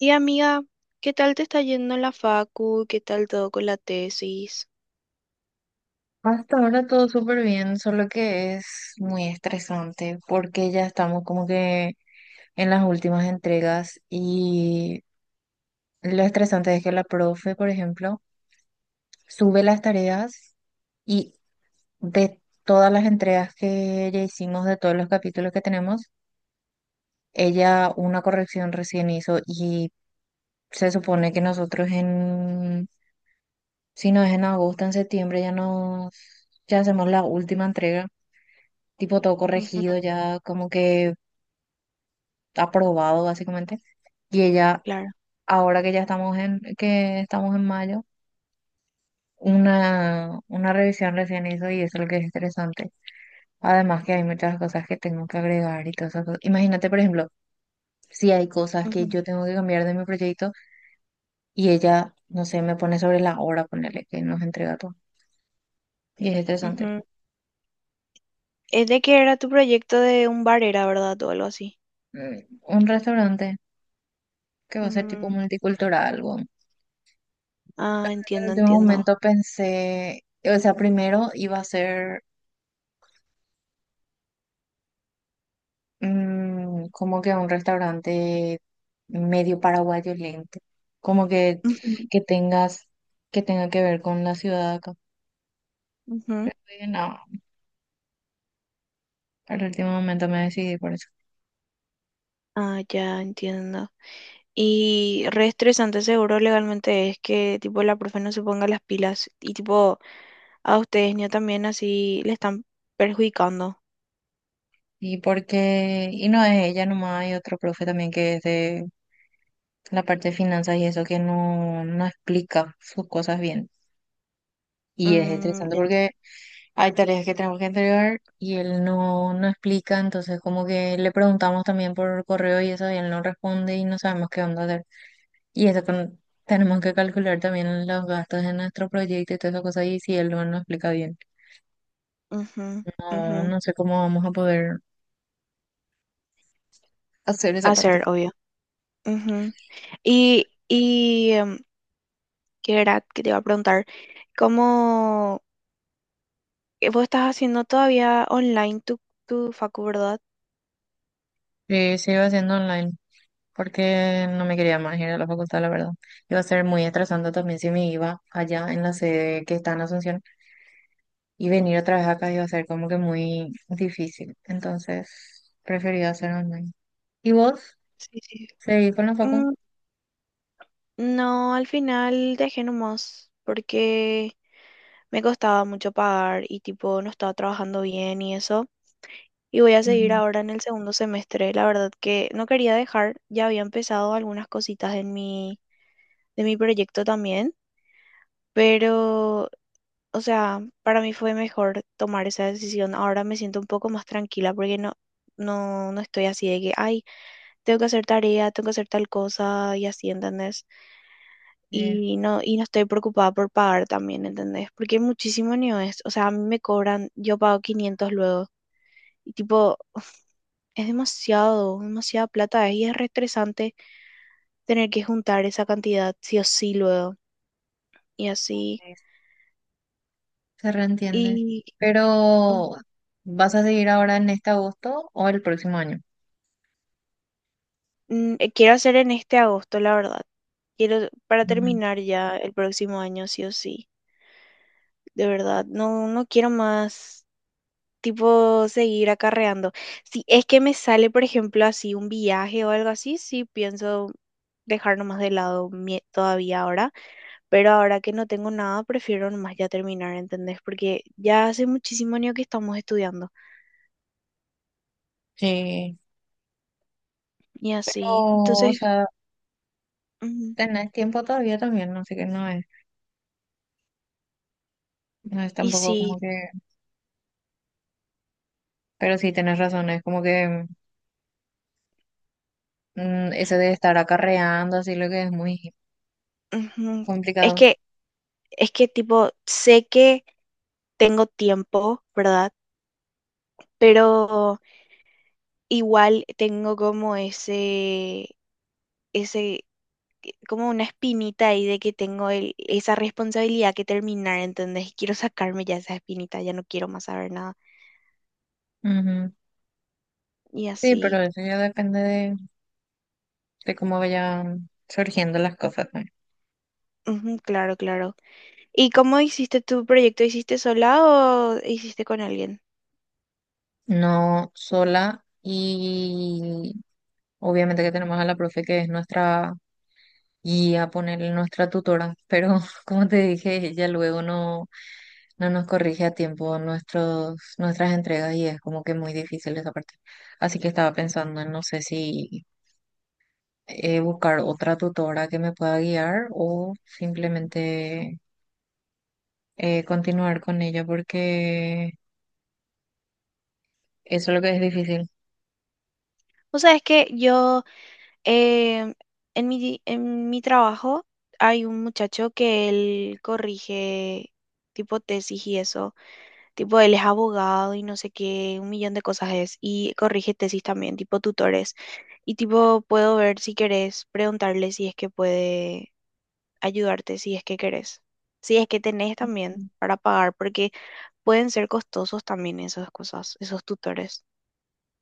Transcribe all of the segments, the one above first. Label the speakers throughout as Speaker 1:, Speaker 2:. Speaker 1: Y amiga, ¿qué tal te está yendo en la facu? ¿Qué tal todo con la tesis?
Speaker 2: Hasta ahora todo súper bien, solo que es muy estresante porque ya estamos como que en las últimas entregas y lo estresante es que la profe, por ejemplo, sube las tareas y de todas las entregas que ya hicimos, de todos los capítulos que tenemos, ella una corrección recién hizo y se supone que nosotros si no es en agosto, en septiembre ya ya hacemos la última entrega tipo todo corregido,
Speaker 1: Ujú,
Speaker 2: ya como que aprobado básicamente. Y ella,
Speaker 1: claro.
Speaker 2: ahora que ya que estamos en mayo, una revisión recién hizo y eso es lo que es interesante. Además que hay muchas cosas que tengo que agregar y todas esas cosas. Imagínate, por ejemplo, si hay cosas que
Speaker 1: Ujú,
Speaker 2: yo tengo que cambiar de mi proyecto y ella, no sé, me pone sobre la hora, ponerle que nos entrega todo. Y es interesante.
Speaker 1: ujú. Es de que era tu proyecto de un bar, era verdad, o algo así.
Speaker 2: Mm, Un restaurante que va a ser tipo
Speaker 1: Mm,
Speaker 2: multicultural, bueno.
Speaker 1: ah,
Speaker 2: En el
Speaker 1: entiendo,
Speaker 2: último
Speaker 1: entiendo.
Speaker 2: momento pensé, o sea, primero iba a ser como que un restaurante medio paraguayo lento, como
Speaker 1: Ujú,
Speaker 2: que tengas, que tenga que ver con la ciudad de acá.
Speaker 1: ujú.
Speaker 2: Y no, al último momento me decidí por eso.
Speaker 1: Ah, ya entiendo. Y re estresante, seguro legalmente es que tipo la profe no se ponga las pilas y tipo a ustedes ni también así le están perjudicando.
Speaker 2: Y porque, y no es ella nomás, hay otro profe también que es de la parte de finanzas y eso que no explica sus cosas bien. Y es
Speaker 1: Mm,
Speaker 2: estresante porque hay tareas que tenemos que entregar y él no explica, entonces como que le preguntamos también por correo y eso y él no responde y no sabemos qué onda hacer. Y eso tenemos que calcular también los gastos de nuestro proyecto y todas esas cosas, y si él no nos explica bien.
Speaker 1: ujú, ujú.
Speaker 2: No sé cómo vamos a poder hacer esa
Speaker 1: Hacer,
Speaker 2: parte.
Speaker 1: obvio. Y, ¿qué era que te iba a preguntar? ¿Cómo vos estás haciendo todavía online tu facu, verdad?
Speaker 2: Sí, se iba haciendo online, porque no me quería más ir a la facultad, la verdad. Iba a ser muy atrasante también si me iba allá en la sede que está en Asunción, y venir otra vez acá iba a ser como que muy difícil. Entonces, prefería hacer online. ¿Y vos?
Speaker 1: Sí, sí.
Speaker 2: ¿Seguís con la facu?
Speaker 1: Mm, no, al final dejé nomás porque me costaba mucho pagar y tipo no estaba trabajando bien y eso. Y voy a seguir
Speaker 2: Ujú,
Speaker 1: ahora en el segundo semestre. La verdad que no quería dejar, ya había empezado algunas cositas en mi proyecto también, pero, o sea, para mí fue mejor tomar esa decisión. Ahora me siento un poco más tranquila porque no estoy así de que, ay, tengo que hacer tarea, tengo que hacer tal cosa y así, ¿entendés? Y no estoy preocupada por pagar también, ¿entendés? Porque muchísimo ni es. O sea, a mí me cobran, yo pago 500 luego. Y tipo, es demasiada plata y es re estresante tener que juntar esa cantidad sí o sí luego. Y así.
Speaker 2: sí. Se reentiende.
Speaker 1: Y mm,
Speaker 2: Pero, ¿vas a seguir ahora en este agosto o el próximo año?
Speaker 1: quiero hacer en este agosto, la verdad. Quiero, para
Speaker 2: Ujú.
Speaker 1: terminar ya el próximo año, sí o sí, de verdad. No quiero más, tipo, seguir acarreando. Si es que me sale, por ejemplo, así un viaje o algo así, sí pienso dejar nomás de lado todavía ahora, pero ahora que no tengo nada, prefiero nomás ya terminar, ¿entendés? Porque ya hace muchísimo año que estamos estudiando
Speaker 2: Sí.
Speaker 1: y así,
Speaker 2: O
Speaker 1: entonces,
Speaker 2: sea,
Speaker 1: ujú,
Speaker 2: tenés tiempo todavía también, así que no es, no es
Speaker 1: y
Speaker 2: tampoco
Speaker 1: sí,
Speaker 2: como que, pero sí tenés razón, es como que mm, eso de estar acarreando, así lo que es muy
Speaker 1: ujú. Es
Speaker 2: complicado.
Speaker 1: que, es que tipo, sé que tengo tiempo, ¿verdad? Pero igual tengo como ese, como una espinita ahí de que tengo esa responsabilidad que terminar, ¿entendés? Y quiero sacarme ya esa espinita, ya no quiero más saber nada.
Speaker 2: Ujú.
Speaker 1: Y
Speaker 2: Sí, pero
Speaker 1: así.
Speaker 2: eso ya depende de cómo vayan surgiendo las cosas, ¿no?
Speaker 1: Ujú, claro, claro. ¿Y cómo hiciste tu proyecto? ¿Hiciste sola o hiciste con alguien?
Speaker 2: No sola y obviamente que tenemos a la profe que es nuestra y a ponerle nuestra tutora, pero como te dije, ella luego no nos corrige a tiempo nuestras entregas y es como que muy difícil esa parte. Así que estaba pensando en no sé si buscar otra tutora que me pueda guiar o simplemente continuar con ella porque eso es lo que es difícil.
Speaker 1: O sea, es que em, en mi trabajo hay un muchacho que él corrige tipo tesis y eso. Tipo, él es abogado y no sé qué, un millón de cosas es. Y corrige tesis también, tipo tutores. Y tipo, puedo ver si querés, preguntarle si es que puede ayudarte, si es que querés. Si es que tenés también para pagar, porque pueden ser costosos también esas cosas, esos tutores.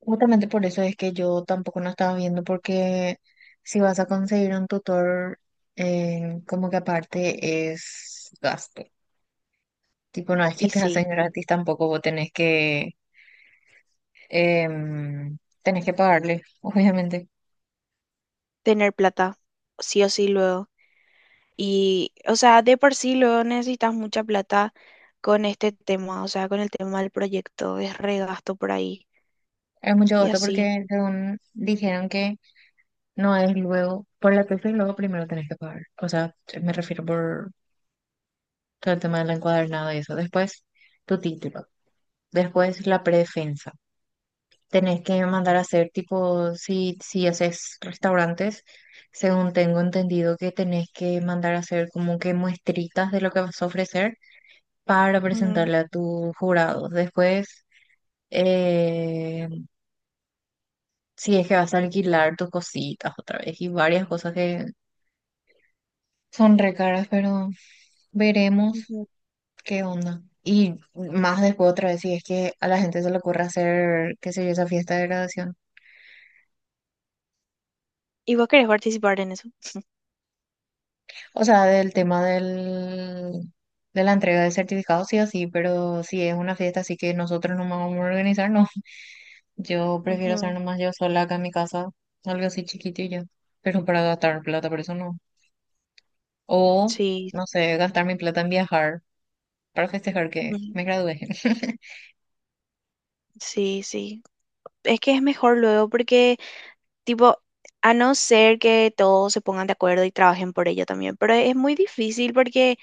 Speaker 2: Justamente por eso es que yo tampoco no estaba viendo, porque si vas a conseguir un tutor, como que aparte es gasto. Tipo, no es que
Speaker 1: Y
Speaker 2: te
Speaker 1: sí,
Speaker 2: hacen gratis tampoco, vos tenés que, em, tenés que pagarle, obviamente.
Speaker 1: tener plata, sí o sí luego. Y, o sea, de por sí luego necesitas mucha plata con este tema, o sea, con el tema del proyecto, es regasto por ahí.
Speaker 2: Es mucho
Speaker 1: Y
Speaker 2: gasto
Speaker 1: así.
Speaker 2: porque según dijeron que no es luego, por la tesis luego primero tenés que pagar. O sea, me refiero por todo el tema del encuadernado y eso. Después, tu título. Después, la predefensa. Tenés que mandar a hacer tipo, si haces restaurantes, según tengo entendido que tenés que mandar a hacer como que muestritas de lo que vas a ofrecer para
Speaker 1: Ujú,
Speaker 2: presentarle a tus jurados. Después, eh, si es que vas a alquilar tus cositas otra vez y varias cosas que son re caras, pero veremos
Speaker 1: ujú.
Speaker 2: qué onda. Y más después otra vez, si es que a la gente se le ocurre hacer, qué sé yo, esa fiesta de graduación.
Speaker 1: ¿Y vos querés participar en eso?
Speaker 2: O sea, del tema del, de la entrega de certificados, sí o sí, pero si es una fiesta así que nosotros no vamos a organizar, no. Yo prefiero hacer
Speaker 1: Ujú.
Speaker 2: nomás yo sola acá en mi casa, algo así chiquito y ya. Pero para gastar plata, por eso no. O,
Speaker 1: Sí,
Speaker 2: no sé, gastar mi plata en viajar para festejar que
Speaker 1: ujú,
Speaker 2: me gradué.
Speaker 1: sí, sí. Es que es mejor luego porque, tipo, a no ser que todos se pongan de acuerdo y trabajen por ello también, pero es muy difícil porque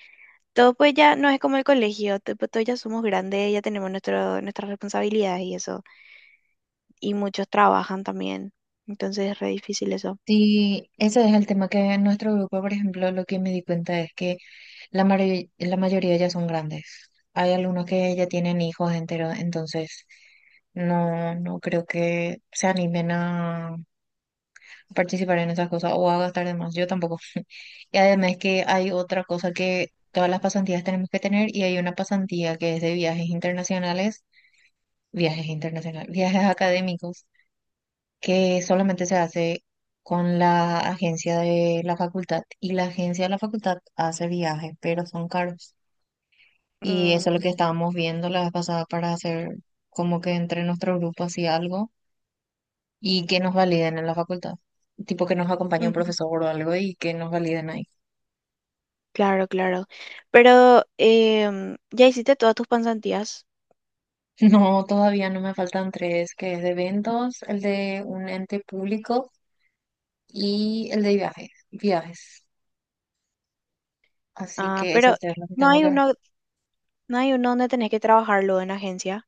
Speaker 1: todos pues ya no es como el colegio, tipo, todos ya somos grandes, ya tenemos nuestras responsabilidades y eso, y muchos trabajan también, entonces es re difícil eso.
Speaker 2: Sí, ese es el tema que en nuestro grupo, por ejemplo, lo que me di cuenta es que la mayoría ya son grandes. Hay algunos que ya tienen hijos enteros, entonces no, no creo que se animen a participar en esas cosas o a gastar de más. Yo tampoco. Y además que hay otra cosa que todas las pasantías tenemos que tener y hay una pasantía que es de viajes internacionales, viajes académicos que solamente se hace con la agencia de la facultad y la agencia de la facultad hace viajes, pero son caros. Y eso es lo
Speaker 1: Mm.
Speaker 2: que estábamos viendo la vez pasada para hacer como que entre nuestro grupo así algo y que nos validen en la facultad. Tipo que nos acompañe un
Speaker 1: Ujú.
Speaker 2: profesor o algo y que nos validen ahí.
Speaker 1: Claro, claro. Pero ya hiciste todas tus pasantías.
Speaker 2: No, todavía no me faltan tres, que es de eventos, el de un ente público y el de viajes, viajes. Así
Speaker 1: Ah,
Speaker 2: que eso
Speaker 1: pero
Speaker 2: es lo que
Speaker 1: no
Speaker 2: tengo
Speaker 1: hay
Speaker 2: que ver.
Speaker 1: uno No hay uno donde tenés que trabajarlo en agencia.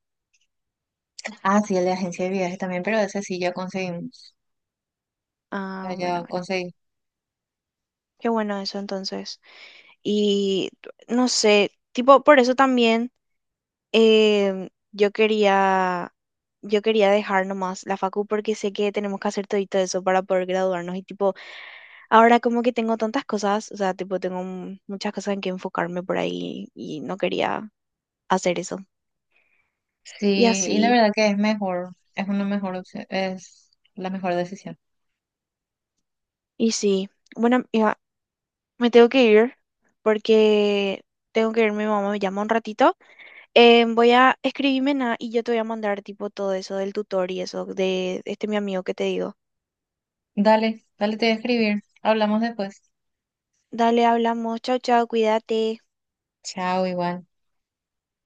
Speaker 2: Ah, sí, el de agencia de viajes también, pero ese sí ya conseguimos. Ya,
Speaker 1: Ah, bueno,
Speaker 2: ya
Speaker 1: bueno.
Speaker 2: conseguí.
Speaker 1: Qué bueno eso entonces. Y no sé, tipo, por eso también em, yo quería, yo quería dejar nomás la facu porque sé que tenemos que hacer todito eso para poder graduarnos. Y tipo, ahora como que tengo tantas cosas, o sea, tipo, tengo muchas cosas en que enfocarme por ahí y no quería hacer eso. Y
Speaker 2: Sí, y la
Speaker 1: así,
Speaker 2: verdad que es mejor, es una mejor opción, es la mejor decisión.
Speaker 1: y sí. Bueno, amiga, me tengo que ir porque tengo que ir, mi mamá me llama un ratito. Voy a escribirme nada y yo te voy a mandar tipo todo eso del tutor y eso de este mi amigo que te digo.
Speaker 2: Dale, dale, te voy a escribir. Hablamos después.
Speaker 1: Dale, hablamos. Chao, chao, cuídate.
Speaker 2: Chao, igual.